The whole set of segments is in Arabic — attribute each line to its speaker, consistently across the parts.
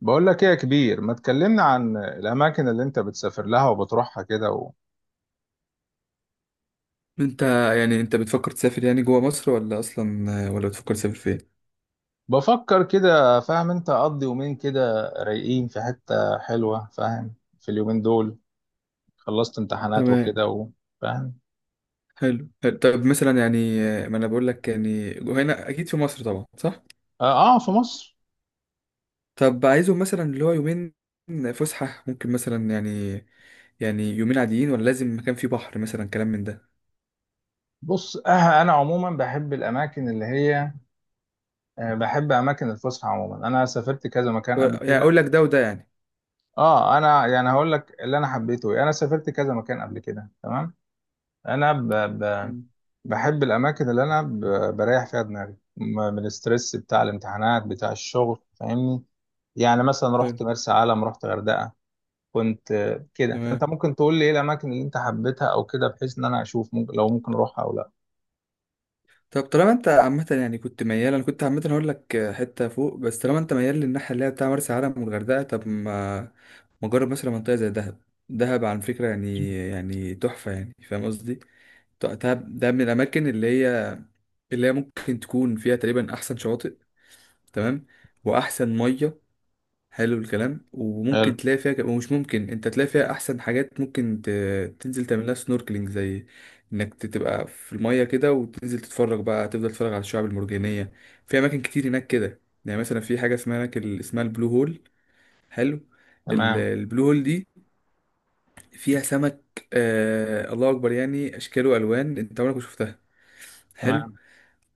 Speaker 1: بقول لك ايه يا كبير، ما تكلمنا عن الاماكن اللي انت بتسافر لها وبتروحها كده
Speaker 2: انت يعني انت بتفكر تسافر، يعني جوه مصر، ولا اصلا، ولا بتفكر تسافر فين؟
Speaker 1: بفكر كده. فاهم؟ انت اقضي يومين كده رايقين في حتة حلوة. فاهم؟ في اليومين دول خلصت امتحانات
Speaker 2: تمام.
Speaker 1: وكده فاهم.
Speaker 2: حلو حلو. طب مثلا يعني، ما انا بقول لك يعني جوه هنا اكيد في مصر طبعا، صح.
Speaker 1: اه, آه، في مصر.
Speaker 2: طب عايزهم مثلا اللي هو يومين فسحة، ممكن مثلا يعني يومين عاديين ولا لازم مكان فيه بحر مثلا، كلام من ده.
Speaker 1: بص، آه انا عموما بحب الاماكن اللي هي آه، بحب اماكن الفسحة. عموما انا سافرت كذا مكان قبل
Speaker 2: يعني
Speaker 1: كده.
Speaker 2: اقول لك ده وده يعني.
Speaker 1: اه، انا يعني هقول لك اللي انا حبيته إيه. انا سافرت كذا مكان قبل كده، تمام. انا ب... ب...
Speaker 2: مم.
Speaker 1: بحب الأماكن اللي أنا بريح فيها دماغي من الستريس بتاع الامتحانات، بتاع الشغل. فاهمني؟ يعني مثلا رحت
Speaker 2: حلو.
Speaker 1: مرسى علم، رحت غردقة. كنت آه، كده. فأنت
Speaker 2: تمام.
Speaker 1: ممكن تقول لي إيه الأماكن اللي أنت حبيتها أو كده، بحيث إن أنا أشوف ممكن لو ممكن أروحها أو لا.
Speaker 2: طب طالما انت عامة يعني كنت ميال، انا كنت عامة هقول لك حتة فوق، بس طالما انت ميال للناحية اللي هي بتاع مرسى علم والغردقة، طب ما جرب مثلا منطقة زي دهب. دهب على فكرة يعني تحفة يعني، فاهم قصدي؟ دهب ده من الأماكن اللي هي ممكن تكون فيها تقريبا أحسن شواطئ، تمام، وأحسن مية. حلو الكلام.
Speaker 1: حلو.
Speaker 2: وممكن تلاقي فيها ومش، ممكن انت تلاقي فيها احسن حاجات، ممكن ت... تنزل تعملها سنوركلينج، زي انك تبقى في المية كده، وتنزل تتفرج بقى، تفضل تتفرج على الشعاب المرجانية. في اماكن كتير هناك كده، يعني مثلا في حاجة اسمها هناك، اسمها البلو هول. حلو.
Speaker 1: تمام.
Speaker 2: البلو هول دي فيها سمك، الله اكبر، يعني اشكال والوان انت عمرك ما شفتها. حلو.
Speaker 1: تمام.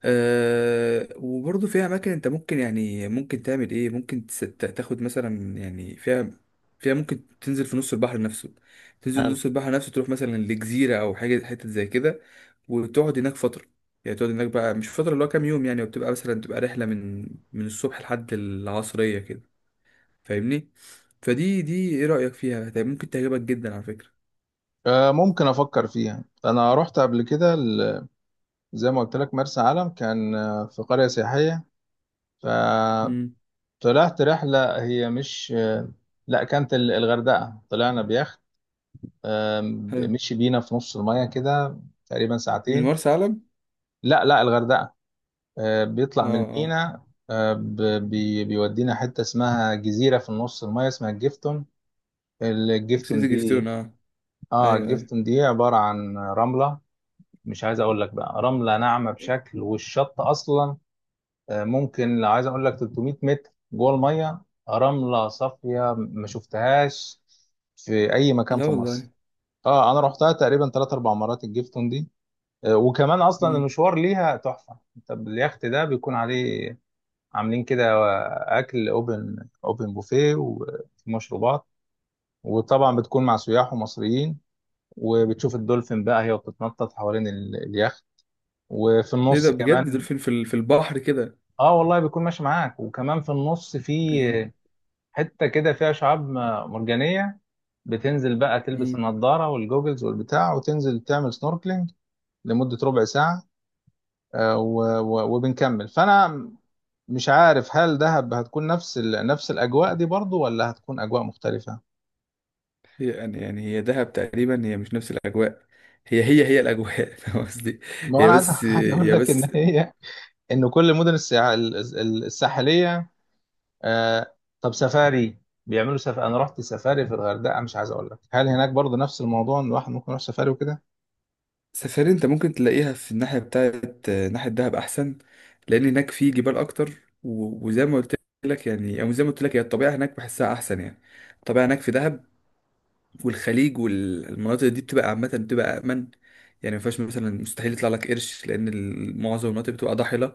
Speaker 2: وبرضه فيها أماكن أنت ممكن، يعني ممكن تعمل إيه، ممكن تاخد مثلا يعني، فيها ممكن تنزل في نص البحر نفسه، تنزل
Speaker 1: حلو.
Speaker 2: نص البحر نفسه، تروح مثلا لجزيرة أو حاجة حتة زي كده، وتقعد هناك فترة. يعني تقعد هناك بقى، مش فترة، اللي هو كام يوم يعني، وبتبقى مثلا تبقى رحلة من الصبح لحد العصرية كده، فاهمني؟ دي إيه رأيك فيها؟ طيب ممكن تعجبك جدا على فكرة.
Speaker 1: آه، ممكن أفكر فيها. أنا رحت قبل كده زي ما قلت لك مرسى علم، كان آه، في قرية سياحية
Speaker 2: امم
Speaker 1: فطلعت رحلة. هي مش لا، كانت الغردقة. طلعنا بيخت،
Speaker 2: حلو.
Speaker 1: مشي بينا في نص المية كده تقريبا
Speaker 2: من
Speaker 1: ساعتين.
Speaker 2: مرسى علم؟
Speaker 1: لا لا، الغردقة. آه،
Speaker 2: اه
Speaker 1: بيطلع من
Speaker 2: اه.
Speaker 1: المينا. آه، ب- بيودينا حتة اسمها جزيرة في النص المية، اسمها الجيفتون.
Speaker 2: نسيت
Speaker 1: الجيفتون
Speaker 2: جفتون،
Speaker 1: دي،
Speaker 2: اه.
Speaker 1: اه
Speaker 2: ايوه ايوه.
Speaker 1: الجيفتون دي عبارة عن رملة. مش عايز اقول لك، بقى رملة ناعمة بشكل. والشط اصلا آه، ممكن لو عايز اقول لك 300 متر جوه المية. رملة صافية ما شفتهاش في اي مكان
Speaker 2: لا
Speaker 1: في مصر.
Speaker 2: والله.
Speaker 1: اه، انا رحتها تقريبا 3 4 مرات الجيفتون دي. وكمان اصلا
Speaker 2: مم.
Speaker 1: المشوار ليها تحفه. انت اليخت ده بيكون عليه عاملين كده اكل، اوبن بوفيه، ومشروبات. وطبعا بتكون مع سياح ومصريين، وبتشوف الدولفين بقى هي بتتنطط حوالين اليخت. وفي
Speaker 2: ايه ده،
Speaker 1: النص
Speaker 2: بجد
Speaker 1: كمان،
Speaker 2: دولفين في في البحر كده؟
Speaker 1: اه والله بيكون ماشي معاك. وكمان في النص في
Speaker 2: مم.
Speaker 1: حته كده فيها شعاب مرجانيه. بتنزل بقى تلبس
Speaker 2: مم.
Speaker 1: النضاره والجوجلز والبتاع، وتنزل تعمل سنوركلينج لمده ربع ساعه. آه، و- و- وبنكمل. فانا مش عارف هل دهب هتكون نفس نفس الاجواء دي برضو، ولا هتكون اجواء مختلفه.
Speaker 2: هي يعني هي دهب تقريبا هي مش نفس الاجواء. هي الاجواء فاهم قصدي.
Speaker 1: ما هو
Speaker 2: هي
Speaker 1: انا عايز،
Speaker 2: بس.
Speaker 1: عايز اقول
Speaker 2: هي
Speaker 1: لك
Speaker 2: بس.
Speaker 1: ان هي، ان كل الساحليه، آه... طب سفاري، انا رحت سفاري في الغردقه، مش عايز اقول لك هل هناك برضو نفس الموضوع، ان الواحد ممكن يروح سفاري وكده.
Speaker 2: سفاري انت ممكن تلاقيها في الناحيه بتاعت ناحيه دهب احسن، لان هناك في جبال اكتر. وزي ما قلت لك، يعني، او زي ما قلت لك، هي الطبيعه هناك بحسها احسن يعني. الطبيعه هناك في دهب، والخليج والمناطق دي بتبقى عامة، بتبقى أأمن. يعني ما فيهاش مثلا، مستحيل يطلع لك قرش، لأن معظم المناطق بتبقى ضاحلة.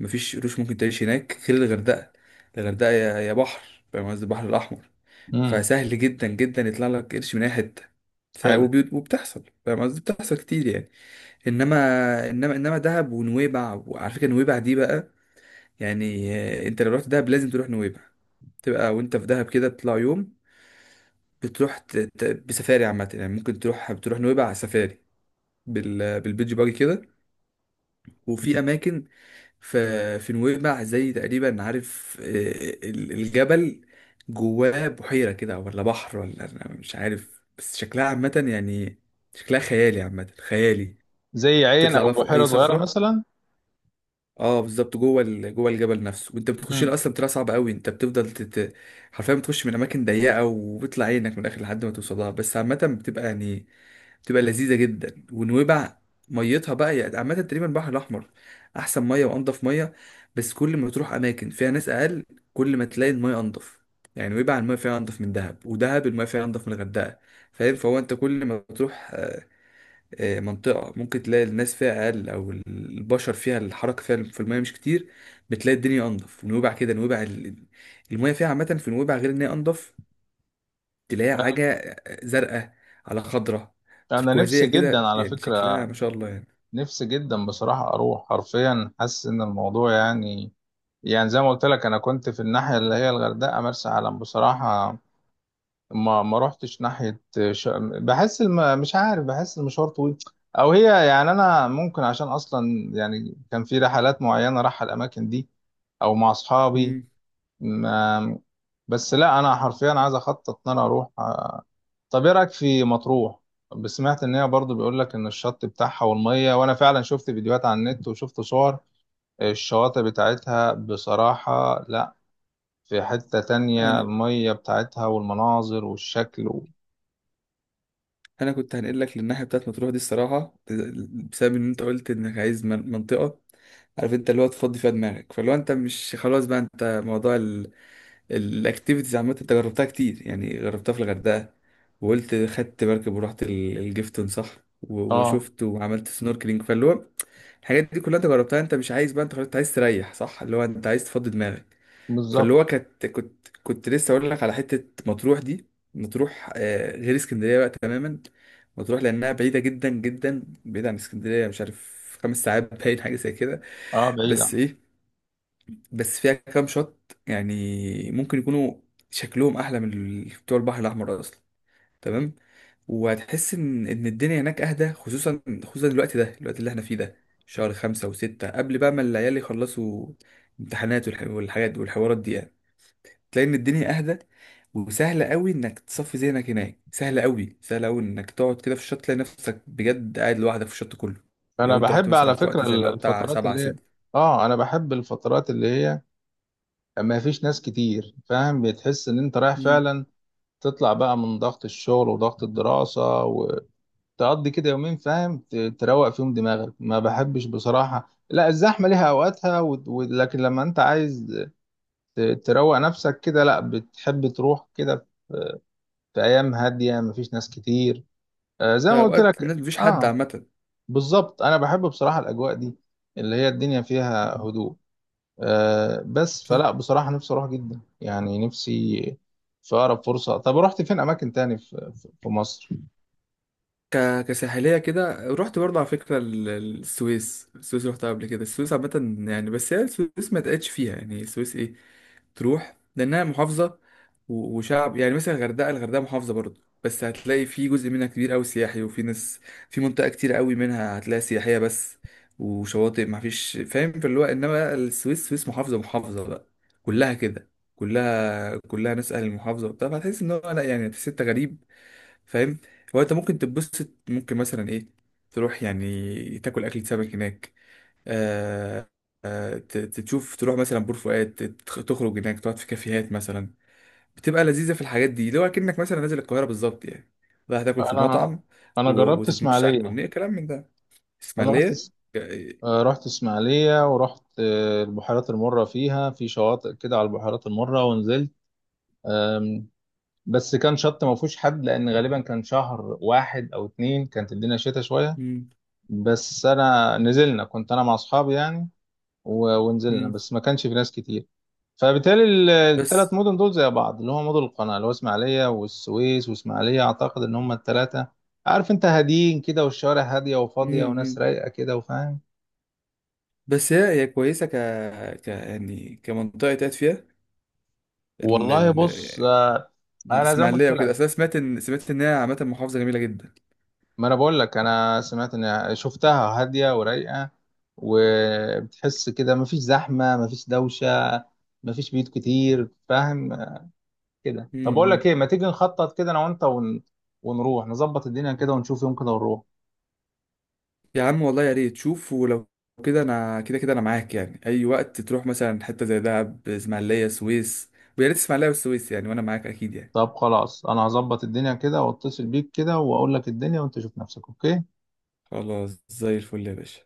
Speaker 2: مفيش قروش، ممكن تعيش هناك غير الغردقة. الغردقة يا بحر، فاهم قصدي، البحر الأحمر.
Speaker 1: امم.
Speaker 2: فسهل جدا جدا يطلع لك قرش من أي حتة.
Speaker 1: حلو.
Speaker 2: وبتحصل، فاهم قصدي، بتحصل كتير يعني. إنما، إنما دهب ونويبع. وعلى فكرة نويبع دي بقى يعني، أنت لو رحت دهب لازم تروح نويبع. تبقى وأنت في دهب كده، تطلع يوم بتروح بسفاري عامة يعني، ممكن تروح، بتروح نويبع على سفاري، بالبيتش باجي كده. وفي أماكن في نويبع، زي تقريبا، عارف، الجبل جواه بحيرة كده ولا بحر، ولا أنا مش عارف، بس شكلها عامة يعني، شكلها خيالي، عامة خيالي.
Speaker 1: زي عين
Speaker 2: تطلع
Speaker 1: او
Speaker 2: بقى فوق أي
Speaker 1: بحيره صغيره
Speaker 2: صخرة.
Speaker 1: مثلا.
Speaker 2: اه بالظبط، جوه جوه الجبل نفسه. وانت بتخش له
Speaker 1: امم.
Speaker 2: اصلا بتبقى صعب قوي، انت بتفضل تت... حرفيا بتخش من اماكن ضيقه، وبيطلع عينك من الاخر لحد ما توصلها، بس عامه بتبقى يعني، تبقى لذيذه جدا. ونويبع ميتها بقى يعني، عامه تقريبا البحر الاحمر احسن ميه وانضف ميه. بس كل ما تروح اماكن فيها ناس اقل، كل ما تلاقي الميه انضف. يعني نويبع الميه فيها انضف من دهب، ودهب الميه فيها انضف من الغردقه. فاهم، فهو انت كل ما تروح، منطقه ممكن تلاقي الناس فيها اقل، او البشر فيها الحركه فيها في الميه مش كتير، بتلاقي الدنيا انضف. ونويبع كده، نويبع الميه فيها عامه، في نويبع غير ان هي انضف، تلاقي حاجة زرقاء على خضرة،
Speaker 1: انا نفسي
Speaker 2: تركوازية
Speaker 1: جدا
Speaker 2: كده
Speaker 1: على
Speaker 2: يعني،
Speaker 1: فكره.
Speaker 2: شكلها ما شاء الله يعني.
Speaker 1: نفسي جدا بصراحة أروح. حرفيا حاسس إن الموضوع يعني، يعني زي ما قلت لك أنا كنت في الناحية اللي هي الغردقة، مرسى علم. بصراحة ما رحتش ناحية ش... بحس مش عارف، بحس المشوار طويل. أو هي يعني، أنا ممكن عشان أصلا يعني كان في رحلات معينة رايحة الأماكن دي، أو مع أصحابي.
Speaker 2: مم.
Speaker 1: ما... بس لا، أنا حرفيا عايز أخطط إن أنا أروح. طب ايه رايك في مطروح؟ بس سمعت ان هي برضو بيقول لك ان الشط بتاعها والميه. وانا فعلا شفت فيديوهات على النت وشفت صور الشواطئ بتاعتها. بصراحه لا، في حته تانية
Speaker 2: أنا،
Speaker 1: الميه بتاعتها والمناظر والشكل
Speaker 2: أنا كنت هنقل لك للناحية بتاعت مطروح دي الصراحة، بسبب إن أنت قلت إنك عايز منطقة، عارف أنت اللي هو تفضي فيها دماغك. فلو أنت مش خلاص بقى، أنت موضوع الأكتيفيتيز عامة أنت جربتها كتير يعني، جربتها في الغردقة، وقلت خدت مركب ورحت الجيفتون، صح.
Speaker 1: اه
Speaker 2: وشفت وعملت سنوركلينج، فاللي هو الحاجات دي كلها انت جربتها، انت مش عايز بقى، انت خلاص انت عايز تريح، صح، اللي هو انت عايز تفضي دماغك. فاللي
Speaker 1: بالظبط.
Speaker 2: هو كانت، كنت لسه اقول لك على حته، مطروح دي. مطروح غير اسكندريه بقى تماما. مطروح لانها بعيده جدا، جدا بعيده عن اسكندريه، مش عارف، 5 ساعات باين حاجه زي كده.
Speaker 1: اه
Speaker 2: بس
Speaker 1: بعيده.
Speaker 2: ايه، بس فيها كام شط يعني ممكن يكونوا شكلهم احلى من بتوع البحر الاحمر اصلا، تمام. وهتحس ان ان الدنيا هناك اهدى، خصوصا، خصوصا الوقت ده، الوقت اللي احنا فيه ده، شهر خمسة وستة، قبل بقى ما العيال يخلصوا امتحانات، والحاجات والحوارات دي يعني. تلاقي ان الدنيا اهدى، وسهل قوي انك تصفي ذهنك هناك، سهل قوي، سهل قوي انك تقعد كده في الشط، تلاقي نفسك بجد قاعد لوحدك في الشط كله.
Speaker 1: انا
Speaker 2: لو انت رحت
Speaker 1: بحب
Speaker 2: مثلا
Speaker 1: على
Speaker 2: في
Speaker 1: فكره
Speaker 2: وقت زي اللي هو بتاع
Speaker 1: الفترات
Speaker 2: سبعة
Speaker 1: اللي هي،
Speaker 2: ستة.
Speaker 1: اه انا بحب الفترات اللي هي ما فيش ناس كتير. فاهم؟ بتحس ان انت رايح
Speaker 2: مم.
Speaker 1: فعلا تطلع بقى من ضغط الشغل وضغط الدراسه، تقضي كده يومين فاهم تروق فيهم دماغك. ما بحبش بصراحة، لا، الزحمة ليها أوقاتها لكن لما أنت عايز ت- تروق نفسك كده، لا، بتحب تروح كده في أيام هادية مفيش ناس كتير. آه زي ما قلت
Speaker 2: فأوقات
Speaker 1: لك،
Speaker 2: الناس مفيش حد
Speaker 1: آه
Speaker 2: عامة.
Speaker 1: بالظبط، أنا بحب بصراحة الأجواء دي اللي هي الدنيا فيها
Speaker 2: مم.
Speaker 1: هدوء. آه، بس
Speaker 2: صح.
Speaker 1: فلا بصراحة نفسي أروح جدا. يعني نفسي في أقرب فرصة. طب رحت فين أماكن تاني في في مصر؟
Speaker 2: كساحلية كده، رحت برضه على فكرة السويس. السويس رحتها قبل كده. السويس عامة يعني، بس هي السويس ما تقعدش فيها يعني. السويس ايه، تروح لأنها محافظة، و... وشعب. يعني مثلا الغردقة، الغردقة محافظة برضه، بس هتلاقي في جزء منها كبير أوي سياحي وفي ناس، في منطقة كتير أوي منها هتلاقي سياحية بس، وشواطئ، ما فيش فاهم في اللي هو. إنما بقى السويس، محافظة، محافظة بقى كلها كده، كلها ناس أهل المحافظة وبتاع. فهتحس إن هو لأ، يعني تحس أنت غريب، فاهم. هو انت ممكن تتبسط، ممكن مثلا ايه، تروح يعني تاكل اكلة سمك هناك، آه تشوف، تروح مثلا بور فؤاد، تخرج هناك، تقعد في كافيهات مثلا. بتبقى لذيذة في الحاجات دي، لو اكنك مثلا نازل القاهرة بالظبط يعني، رايح تاكل في
Speaker 1: أنا،
Speaker 2: مطعم،
Speaker 1: أنا
Speaker 2: و-
Speaker 1: جربت
Speaker 2: وتتمشى على
Speaker 1: إسماعيلية.
Speaker 2: الكورنيش، كلام من ده.
Speaker 1: أنا رحت
Speaker 2: اسماعيلية. آه،
Speaker 1: آه، رحت اسماعيلية، ورحت آه، البحيرات المرة. فيها في شواطئ كده على البحيرات المرة، ونزلت آم، بس كان شط ما فيهوش حد، لأن غالبا كان شهر واحد أو اتنين، كانت الدنيا شتا شوية.
Speaker 2: مم،
Speaker 1: بس أنا نزلنا، كنت أنا مع أصحابي يعني، و- ونزلنا
Speaker 2: مم.
Speaker 1: بس ما كانش في ناس كتير. فبالتالي التلات
Speaker 2: بس.
Speaker 1: مدن دول زي بعض، اللي هو مدن القناة، اللي هو اسماعيلية والسويس واسماعيلية، أعتقد إن هما التلاتة. عارف أنت، هاديين كده، والشوارع هادية
Speaker 2: مم،
Speaker 1: وفاضية، وناس
Speaker 2: مم.
Speaker 1: رايقة كده وفاهم.
Speaker 2: بس هي كويسة، ك يعني، كمنطقة تقعد فيها.
Speaker 1: والله بص آه، انا زي ما قلت
Speaker 2: الاسماعيليه وكده،
Speaker 1: لك،
Speaker 2: اصل انا سمعت ان هي عامه محافظه جميله جدا.
Speaker 1: ما انا بقول لك انا سمعت، ان شفتها هاديه ورايقه، وبتحس كده مفيش زحمه، مفيش دوشه، مفيش بيوت كتير. فاهم كده؟ طب اقول لك
Speaker 2: امم
Speaker 1: ايه، ما تيجي نخطط كده انا وانت ونروح نظبط الدنيا كده، ونشوف يوم كده ونروح.
Speaker 2: يا عم والله يا ريت. شوف ولو كده، انا كده انا معاك يعني، اي وقت تروح مثلا حته زي دهب، اسماعيليه، سويس، ويا ريت اسماعيليه والسويس يعني، وانا معاك اكيد يعني.
Speaker 1: طب خلاص، انا هظبط الدنيا كده واتصل بيك كده، واقول لك الدنيا وانت شوف نفسك. اوكي؟
Speaker 2: خلاص، زي الفل يا باشا.